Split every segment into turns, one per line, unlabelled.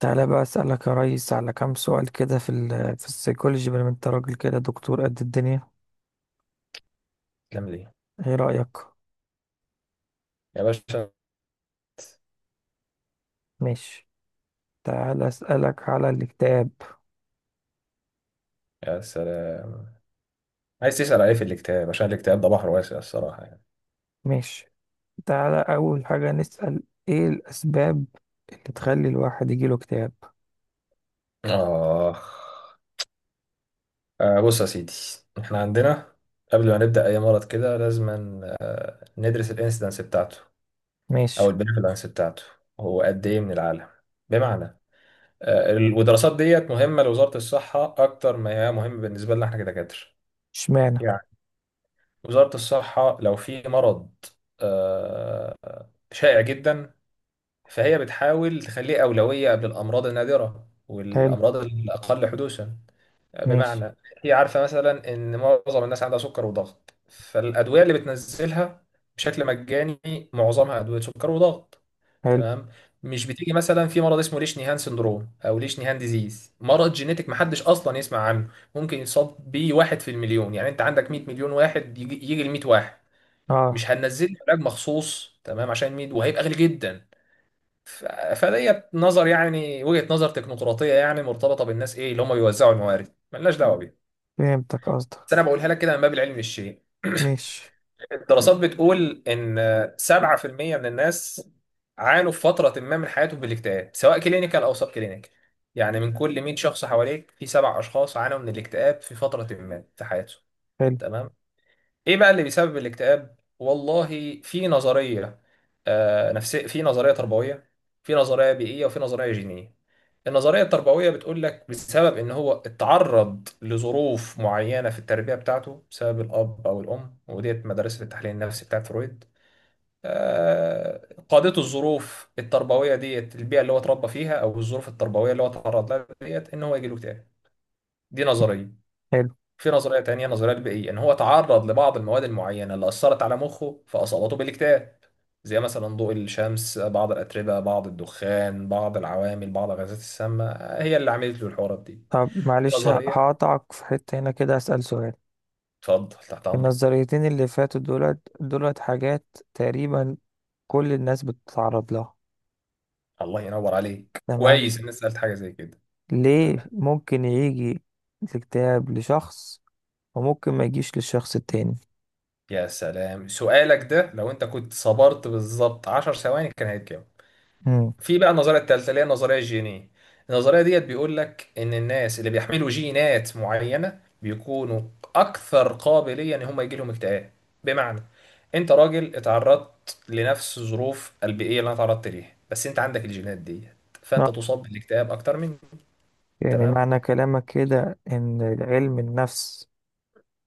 تعالى بقى أسألك يا ريس على كام سؤال كده في السيكولوجي، بما إن انت راجل كده دكتور قد الدنيا.
الافلام دي
ايه رأيك؟
يا باشا.
ماشي. تعالى أسألك على الاكتئاب.
يا سلام، عايز تسأل عليه في الاكتئاب عشان الاكتئاب ده بحر واسع الصراحة يعني.
ماشي. تعالى أول حاجة نسأل ايه الأسباب اللي تخلي الواحد يجيله اكتئاب.
اه، آه. بص يا سيدي، احنا عندنا، قبل ما نبدأ أي مرض كده لازم ندرس الانسيدنس بتاعته
ماشي.
أو البريفالنس بتاعته، هو قد إيه من العالم؟ بمعنى، والدراسات ديت مهمة لوزارة الصحة أكتر ما هي مهمة بالنسبة لنا احنا كدكاترة.
اشمعنى؟
يعني وزارة الصحة لو في مرض آه شائع جدا، فهي بتحاول تخليه أولوية قبل الأمراض النادرة
حلو.
والأمراض الأقل حدوثا.
ماشي.
بمعنى، هي عارفة مثلا إن معظم الناس عندها سكر وضغط، فالأدوية اللي بتنزلها بشكل مجاني معظمها أدوية سكر وضغط.
حلو.
تمام. مش بتيجي مثلا في مرض اسمه ليش نيهان سندروم أو ليش نيهان ديزيز، مرض جينيتك محدش أصلا يسمع عنه، ممكن يصاب بيه واحد في المليون. يعني أنت عندك 100 مليون واحد، يجي ل 100 واحد،
اه.
مش هننزل لك علاج مخصوص تمام عشان 100 وهيبقى غالي جدا. ف- فديت نظر يعني وجهة نظر تكنوقراطية، يعني مرتبطة بالناس ايه اللي هم بيوزعوا الموارد، ملناش دعوة بيها.
فهمتك قصدك.
بس انا بقولها لك كده من باب العلم الشيء.
ماشي.
الدراسات بتقول ان 7% من الناس عانوا في فترة ما من حياتهم بالاكتئاب، سواء كلينيكال او سب كلينيكال. يعني من كل 100 شخص حواليك في سبع اشخاص عانوا من الاكتئاب في فترة ما في حياتهم.
حلو.
تمام. ايه بقى اللي بيسبب الاكتئاب؟ والله في نظريه نفسيه، في نظريه تربويه، في نظريه بيئيه، وفي نظريه جينيه. النظريه التربويه بتقول لك بسبب ان هو اتعرض لظروف معينه في التربيه بتاعته، بسبب الاب او الام، وديت مدرسه التحليل النفسي بتاعت فرويد. قادته الظروف التربويه ديت، البيئه اللي هو اتربى فيها او الظروف التربويه اللي هو اتعرض لها ديت، ان هو يجي له اكتئاب. دي نظريه.
حلو.
في نظرية تانية، نظرية البيئية، إن هو تعرض لبعض المواد المعينة اللي أثرت على مخه فأصابته بالاكتئاب، زي مثلا ضوء الشمس، بعض الأتربة، بعض الدخان، بعض العوامل، بعض الغازات السامة، هي اللي عملت له الحوارات دي.
طب
في
معلش،
نظرية.
هقطعك في حتة هنا كده أسأل سؤال.
اتفضل تحت
في
أمرك.
النظريتين اللي فاتوا دولت حاجات تقريبا كل الناس بتتعرض لها.
الله ينور عليك،
تمام.
كويس إن أنت سألت حاجة زي كده.
ليه
تمام.
ممكن يجي الاكتئاب لشخص وممكن ما يجيش للشخص التاني؟
يا سلام، سؤالك ده لو أنت كنت صبرت بالظبط 10 ثواني كان هيتجاوب.
مم.
في بقى النظريه الثالثه اللي هي النظريه الجينيه. النظريه ديت بيقول لك ان الناس اللي بيحملوا جينات معينه بيكونوا اكثر قابليه ان هم يجي لهم اكتئاب. بمعنى، انت راجل اتعرضت لنفس الظروف البيئيه اللي انا اتعرضت ليها، بس انت عندك الجينات ديت، فانت
نعم.
تصاب بالاكتئاب اكتر مني.
يعني
تمام.
معنى كلامك كده ان علم النفس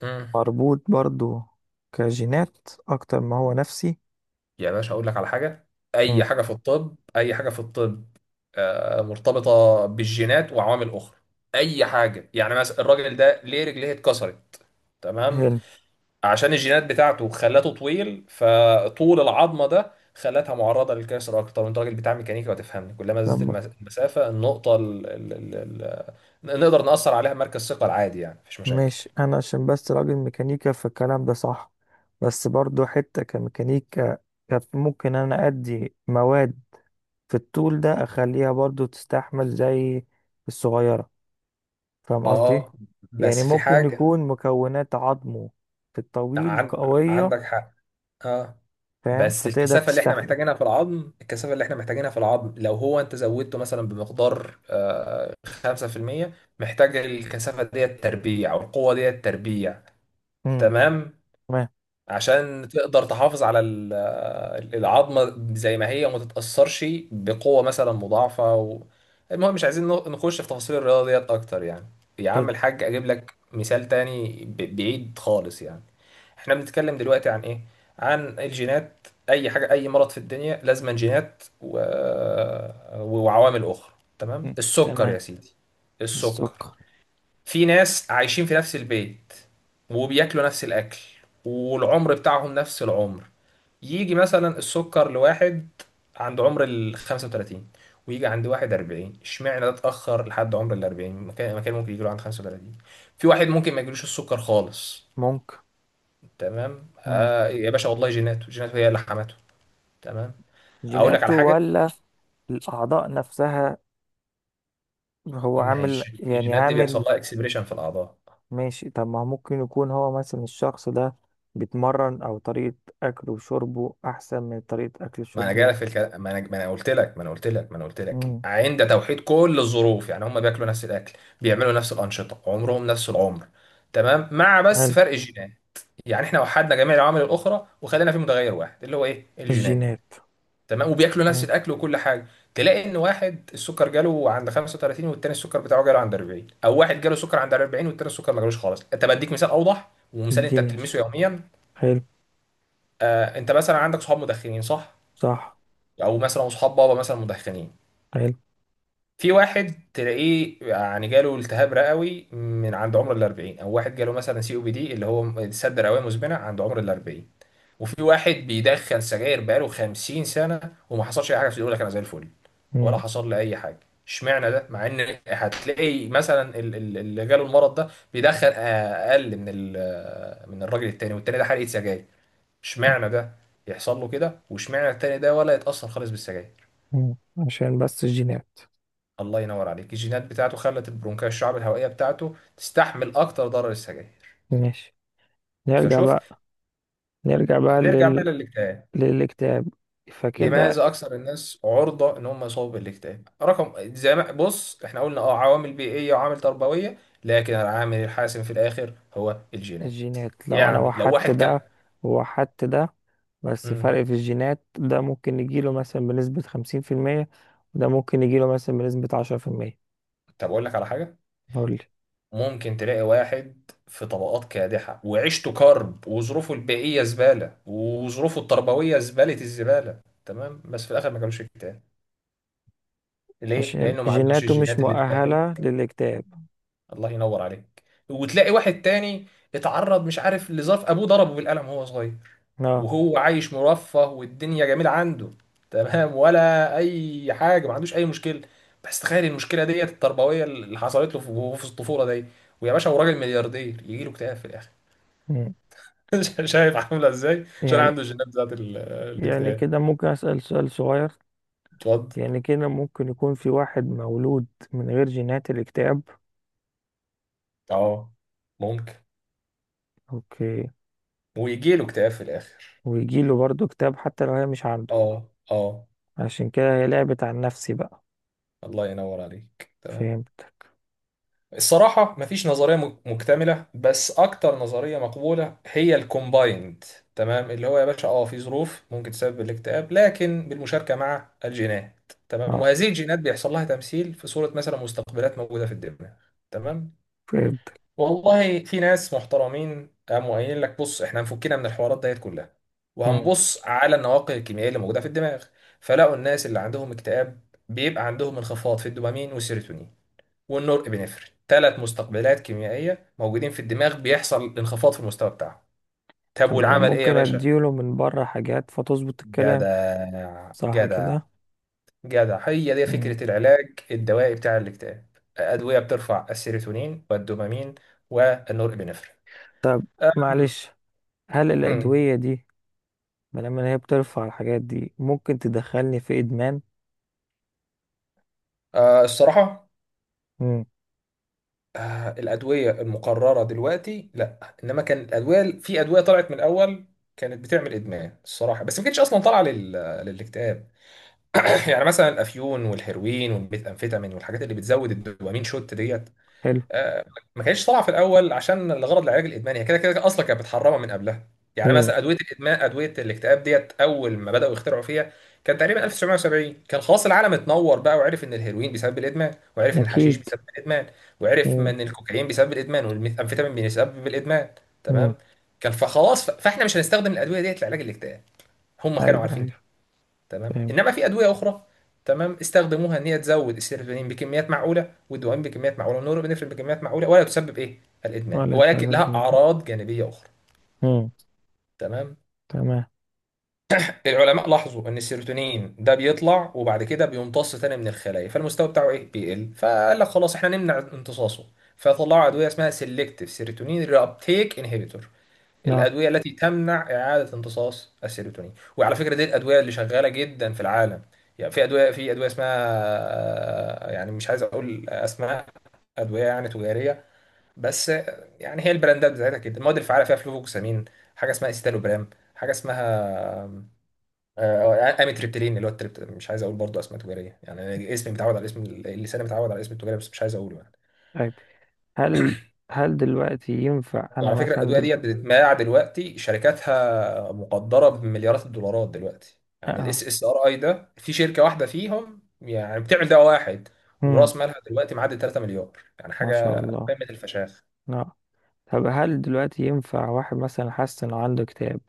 امم
مربوط برضو كجينات اكتر ما هو نفسي؟
يا باشا، اقول لك على حاجه. اي
مم.
حاجه في الطب، اي حاجه في الطب مرتبطه بالجينات وعوامل اخرى. اي حاجه، يعني مثلا الراجل ده ليه رجليه اتكسرت؟ تمام.
حلو.
عشان الجينات بتاعته خلته طويل، فطول العظمه ده خلتها معرضه للكسر اكتر. انت راجل بتاع ميكانيكا وتفهمني، كلما زادت
تمام.
المسافه، النقطه ال ال ال ال نقدر نأثر عليها، مركز ثقل عادي يعني مفيش مشاكل.
ماشي، انا عشان بس راجل ميكانيكا فالكلام ده صح، بس برضو حتة كميكانيكا كانت ممكن انا ادي مواد في الطول ده اخليها برضو تستحمل زي الصغيرة. فاهم قصدي؟
اه،
يعني
بس في
ممكن
حاجه.
يكون مكونات عظمه في الطويل
عن
قوية،
عندك حق. اه،
فاهم،
بس
فتقدر
الكثافه اللي احنا
تستحمل.
محتاجينها في العظم، الكثافه اللي احنا محتاجينها في العظم لو هو انت زودته مثلا بمقدار 5%، محتاج الكثافه ديت تربيع او القوه ديت تربيع.
امم.
تمام.
تمام.
عشان تقدر تحافظ على العظمة زي ما هي وما تتأثرش بقوة مثلا مضاعفة و... المهم مش عايزين نخش في تفاصيل الرياضة ديت أكتر يعني. يا
حلو.
عم الحاج، أجيب لك مثال تاني بعيد خالص يعني. احنا بنتكلم دلوقتي عن إيه؟ عن الجينات. أي حاجة، أي مرض في الدنيا لازم جينات و... وعوامل أخرى. تمام؟
مم.
السكر
تمام.
يا سيدي. السكر،
السكر.
في ناس عايشين في نفس البيت وبياكلوا نفس الاكل والعمر بتاعهم نفس العمر، يجي مثلا السكر لواحد عند عمر ال 35، ويجي عند واحد 40. اشمعنى ده اتاخر لحد عمر ال 40؟ مكان ممكن يجي له عند 35. في واحد ممكن ما يجيلوش السكر خالص.
ممكن.
تمام.
امم.
آه يا باشا، والله جيناته جيناته هي اللي حمته. تمام. اقول لك على
جيناته
حاجه.
ولا الأعضاء نفسها، هو
ما هي
عامل يعني
الجينات دي
عامل.
بيحصل لها اكسبريشن في الاعضاء.
ماشي، طب ما هو ممكن يكون هو مثلا الشخص ده بيتمرن او طريقة اكله وشربه احسن من طريقة اكل
ما
الشرب
انا
ده.
جاي في الكلام، ما انا قلت لك
مم.
عند توحيد كل الظروف، يعني هم بياكلوا نفس الاكل، بيعملوا نفس الانشطه، عمرهم نفس العمر. تمام، مع بس
حلو.
فرق الجينات. يعني احنا وحدنا جميع العوامل الاخرى وخلينا في متغير واحد اللي هو ايه، الجينات.
الجينات.
تمام. وبياكلوا نفس
فاهم.
الاكل وكل حاجه، تلاقي ان واحد السكر جاله عند 35 والتاني السكر بتاعه جاله عند 40، او واحد جاله سكر عند 40 والتاني السكر ما جالوش خالص. طب اديك مثال اوضح، ومثال انت
اديني
بتلمسه
مثال.
يوميا.
حلو.
آه، انت مثلا عندك صحاب مدخنين صح؟
صح.
او مثلا صحاب بابا مثلا مدخنين.
حلو.
في واحد تلاقيه يعني جاله التهاب رئوي من عند عمر ال 40، او واحد جاله مثلا سي او بي دي اللي هو سد رئويه مزمنه عند عمر ال 40. وفي واحد بيدخن سجاير بقاله 50 سنه وما حصلش اي حاجه، بس يقول لك انا زي الفل، ولا
مم.
حصل لي اي حاجه. اشمعنى ده؟ مع ان هتلاقي مثلا اللي جاله المرض ده بيدخن اقل من من الراجل التاني، والتاني ده حرقه سجاير. اشمعنى ده يحصل له كده واشمعنى التاني ده ولا يتاثر خالص بالسجاير؟
مم. عشان بس الجينات.
الله ينور عليك. الجينات بتاعته خلت البرونكاية، الشعب الهوائية بتاعته، تستحمل أكتر ضرر السجاير.
ماشي. نرجع
فشفت.
بقى، نرجع بقى
نرجع بقى
لل...
للاكتئاب.
للاكتئاب. فكده
لماذا أكثر الناس عرضة إن هم يصابوا بالاكتئاب؟ رقم زي ما بص، إحنا قلنا عوامل بيئية وعوامل تربوية، لكن العامل الحاسم في الآخر هو الجينات.
الجينات، لو انا
يعني لو واحد
وحدت
كان.
ده ووحدت ده، بس
مم.
فرق في الجينات، ده ممكن يجيله مثلا بنسبة 50%، وده ممكن يجيله مثلا بنسبة 10%.
طب أقول لك على حاجة.
قولي.
ممكن تلاقي واحد في طبقات كادحة وعيشته كرب وظروفه البيئية زبالة وظروفه التربوية زبالة الزبالة، تمام، بس في الآخر ما جالوش اكتئاب. ليه؟
عشان
لأنه ما عندوش
جيناته مش
الجينات اللي تأهله.
مؤهلة للاكتئاب.
الله ينور عليك. وتلاقي واحد تاني اتعرض مش عارف لظرف، أبوه ضربه بالقلم وهو صغير،
اه.
وهو عايش مرفه والدنيا جميلة عنده، تمام ولا أي حاجة ما عندوش أي مشكلة، بس تخيل المشكلة ديت التربوية اللي حصلت له في وهو في الطفولة دي، ويا باشا هو راجل ملياردير يجي له اكتئاب في الآخر.
مم.
شايف عاملة إزاي؟ عشان
يعني،
عنده الجينات بتاعت
يعني
الاكتئاب.
كده ممكن أسأل سؤال صغير؟
اتفضل.
يعني كده ممكن يكون في واحد مولود من غير جينات الاكتئاب؟
اه ممكن.
اوكي.
ويجي له اكتئاب في الآخر.
ويجيله برضه اكتئاب حتى لو هي مش عنده؟
اه، اه.
عشان كده هي لعبت عن نفسي بقى.
الله ينور عليك تمام.
فهمت.
الصراحة مفيش نظرية مكتملة، بس أكتر نظرية مقبولة هي الكومبايند. تمام. اللي هو يا باشا اه، في ظروف ممكن تسبب الاكتئاب لكن بالمشاركة مع الجينات. تمام.
اه.
وهذه الجينات بيحصل لها تمثيل في صورة مثلا مستقبلات موجودة في الدماغ. تمام.
فهمت.
والله في ناس محترمين قاموا قايلين لك بص، احنا هنفكنا من الحوارات ديت كلها وهنبص على النواقل الكيميائية اللي موجودة في الدماغ، فلقوا الناس اللي عندهم اكتئاب بيبقى عندهم انخفاض في الدوبامين والسيروتونين والنورابinefrine. ثلاث مستقبلات كيميائيه موجودين في الدماغ بيحصل انخفاض في المستوى بتاعهم. طب
طب ما انا
والعمل ايه يا
ممكن
باشا؟
اديله من بره حاجات فتظبط الكلام؟
جدع
صح
جدع.
كده؟
جدع، هي دي
مم.
فكره العلاج الدوائي بتاع الاكتئاب. ادويه بترفع السيروتونين والدوبامين والنورابinefrine.
طب
أم-
معلش، هل
أم.
الادويه دي، ما لما هي بترفع الحاجات دي، ممكن تدخلني في ادمان؟
أه الصراحه.
مم.
أه الادويه المقرره دلوقتي لا، انما كان الادويه، في ادويه طلعت من الاول كانت بتعمل ادمان الصراحه، بس ما كانتش اصلا طالعه لل... للاكتئاب. يعني مثلا الافيون والهيروين والميثامفيتامين والحاجات اللي بتزود الدوبامين شوت ديت.
حلو.
آه، ما كانتش طالعه في الاول عشان الغرض العلاج الادماني، هي كده كده اصلا كانت متحرمه من قبلها. يعني
مم.
مثلا ادويه الادمان، ادويه الاكتئاب ديت اول ما بداوا يخترعوا فيها كان تقريبا 1970، كان خلاص العالم اتنور بقى وعرف ان الهيروين بيسبب الادمان، وعرف ان الحشيش
اكيد.
بيسبب الادمان، وعرف
مم.
ان الكوكايين بيسبب الادمان والميثامفيتامين بيسبب الادمان.
مم.
تمام. كان فخلاص فاحنا مش هنستخدم الادويه ديت لعلاج الاكتئاب، هم كانوا
ايوه
عارفين.
ايوه.
تمام. انما
فهمت.
في ادويه اخرى. تمام. استخدموها ان هي تزود السيروتونين بكميات معقوله، والدوبامين بكميات معقوله، والنورابينفرين بكميات معقوله، ولا تسبب ايه، الادمان،
ولا ادمان،
ولكن
ولا
لها
ادمان إدمان.
اعراض جانبيه اخرى.
مم.
تمام.
تمام.
العلماء لاحظوا ان السيروتونين ده بيطلع وبعد كده بيمتص تاني من الخلايا، فالمستوى بتاعه ايه، بيقل. فقال لك خلاص احنا نمنع امتصاصه، فطلعوا ادويه اسمها سيلكتيف سيروتونين ري ابتيك انهيبيتور،
نعم.
الادويه التي تمنع اعاده امتصاص السيروتونين. وعلى فكره دي الادويه اللي شغاله جدا في العالم. يعني في ادويه اسمها يعني مش عايز اقول اسماء، ادويه يعني تجاريه، بس يعني هي البراندات بتاعتها كده. المواد الفعاله فيها فلوفوكسامين، حاجه اسمها استالوبرام، حاجه اسمها آه، اميتريبتيلين اللي هو التريبت. مش عايز اقول برضه اسماء تجاريه يعني، اسمي متعود على الاسم اللساني متعود على الاسم التجاري بس مش عايز اقوله يعني.
طيب، هل، هل دلوقتي ينفع انا
وعلى فكرة
مثلا
الأدوية
دل...
ديت بتتباع دلوقتي، شركاتها مقدرة بمليارات الدولارات دلوقتي.
اه
يعني الاس
آه.
اس ار اي ده في شركة واحدة فيهم يعني بتعمل دواء واحد
مم.
ورأس مالها دلوقتي معدي 3 مليار. يعني
ما شاء
حاجة
الله.
قمة الفشاخ.
نعم. طب هل دلوقتي ينفع واحد مثلا حاسس انه عنده اكتئاب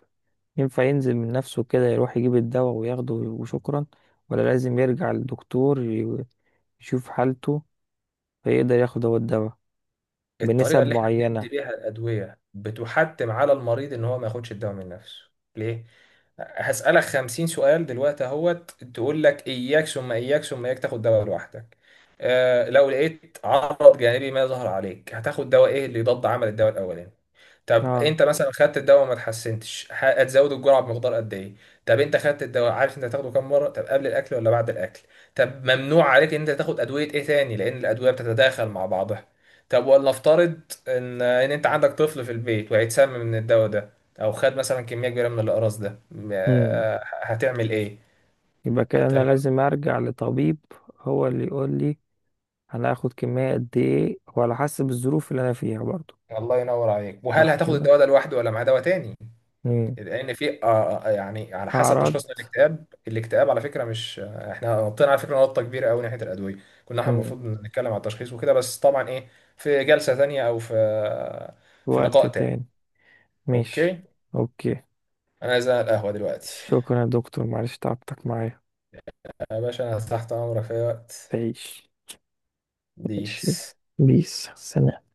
ينفع ينزل من نفسه كده يروح يجيب الدواء وياخده وشكرا؟ ولا لازم يرجع للدكتور يشوف حالته فيقدر ياخد هو الدواء
الطريقة
بنسب
اللي احنا
معينة؟
بندي بيها الأدوية بتحتم على المريض إن هو ما ياخدش الدواء من نفسه. ليه؟ هسألك خمسين سؤال دلوقتي اهوت تقول لك إياك ثم إياك ثم إياك تاخد دواء لوحدك. آه، لو لقيت عرض جانبي ما ظهر عليك، هتاخد دواء إيه اللي يضاد عمل الدواء الأولاني؟ طب
اه.
انت مثلا خدت الدواء وما اتحسنتش، هتزود الجرعه بمقدار قد ايه؟ طب انت خدت الدواء، عارف انت هتاخده كام مره؟ طب قبل الاكل ولا بعد الاكل؟ طب ممنوع عليك ان انت تاخد ادويه ايه تاني لان الادويه بتتداخل مع بعضها. طب ولنفترض ان انت عندك طفل في البيت وهيتسمم من الدواء ده، او خد مثلا كميه كبيره من الاقراص ده،
امم.
هتعمل ايه؟
يبقى كده انا
تمام.
لازم ارجع لطبيب هو اللي يقول لي انا هاخد كمية قد ايه وعلى حسب الظروف اللي انا فيها برضو.
الله ينور عليك. وهل
صح
هتاخد
كده؟
الدواء ده لوحده ولا مع دواء تاني؟
امم.
لان في يعني على حسب
اعراض.
تشخيصنا، الاكتئاب، على فكره مش احنا نطينا على فكره نقطه كبيره قوي ناحيه الادويه. كنا احنا
امم.
المفروض نتكلم على التشخيص وكده، بس طبعا ايه، في جلسه ثانيه او في
وقت
لقاء تاني.
تاني. ماشي.
اوكي.
اوكي.
انا عايز أقعد على القهوه دلوقتي.
شكرا يا دكتور، معلش تعبتك معايا.
يا باشا انا تحت امرك في اي وقت.
تعيش. ماشي.
بيس.
بيس سلام.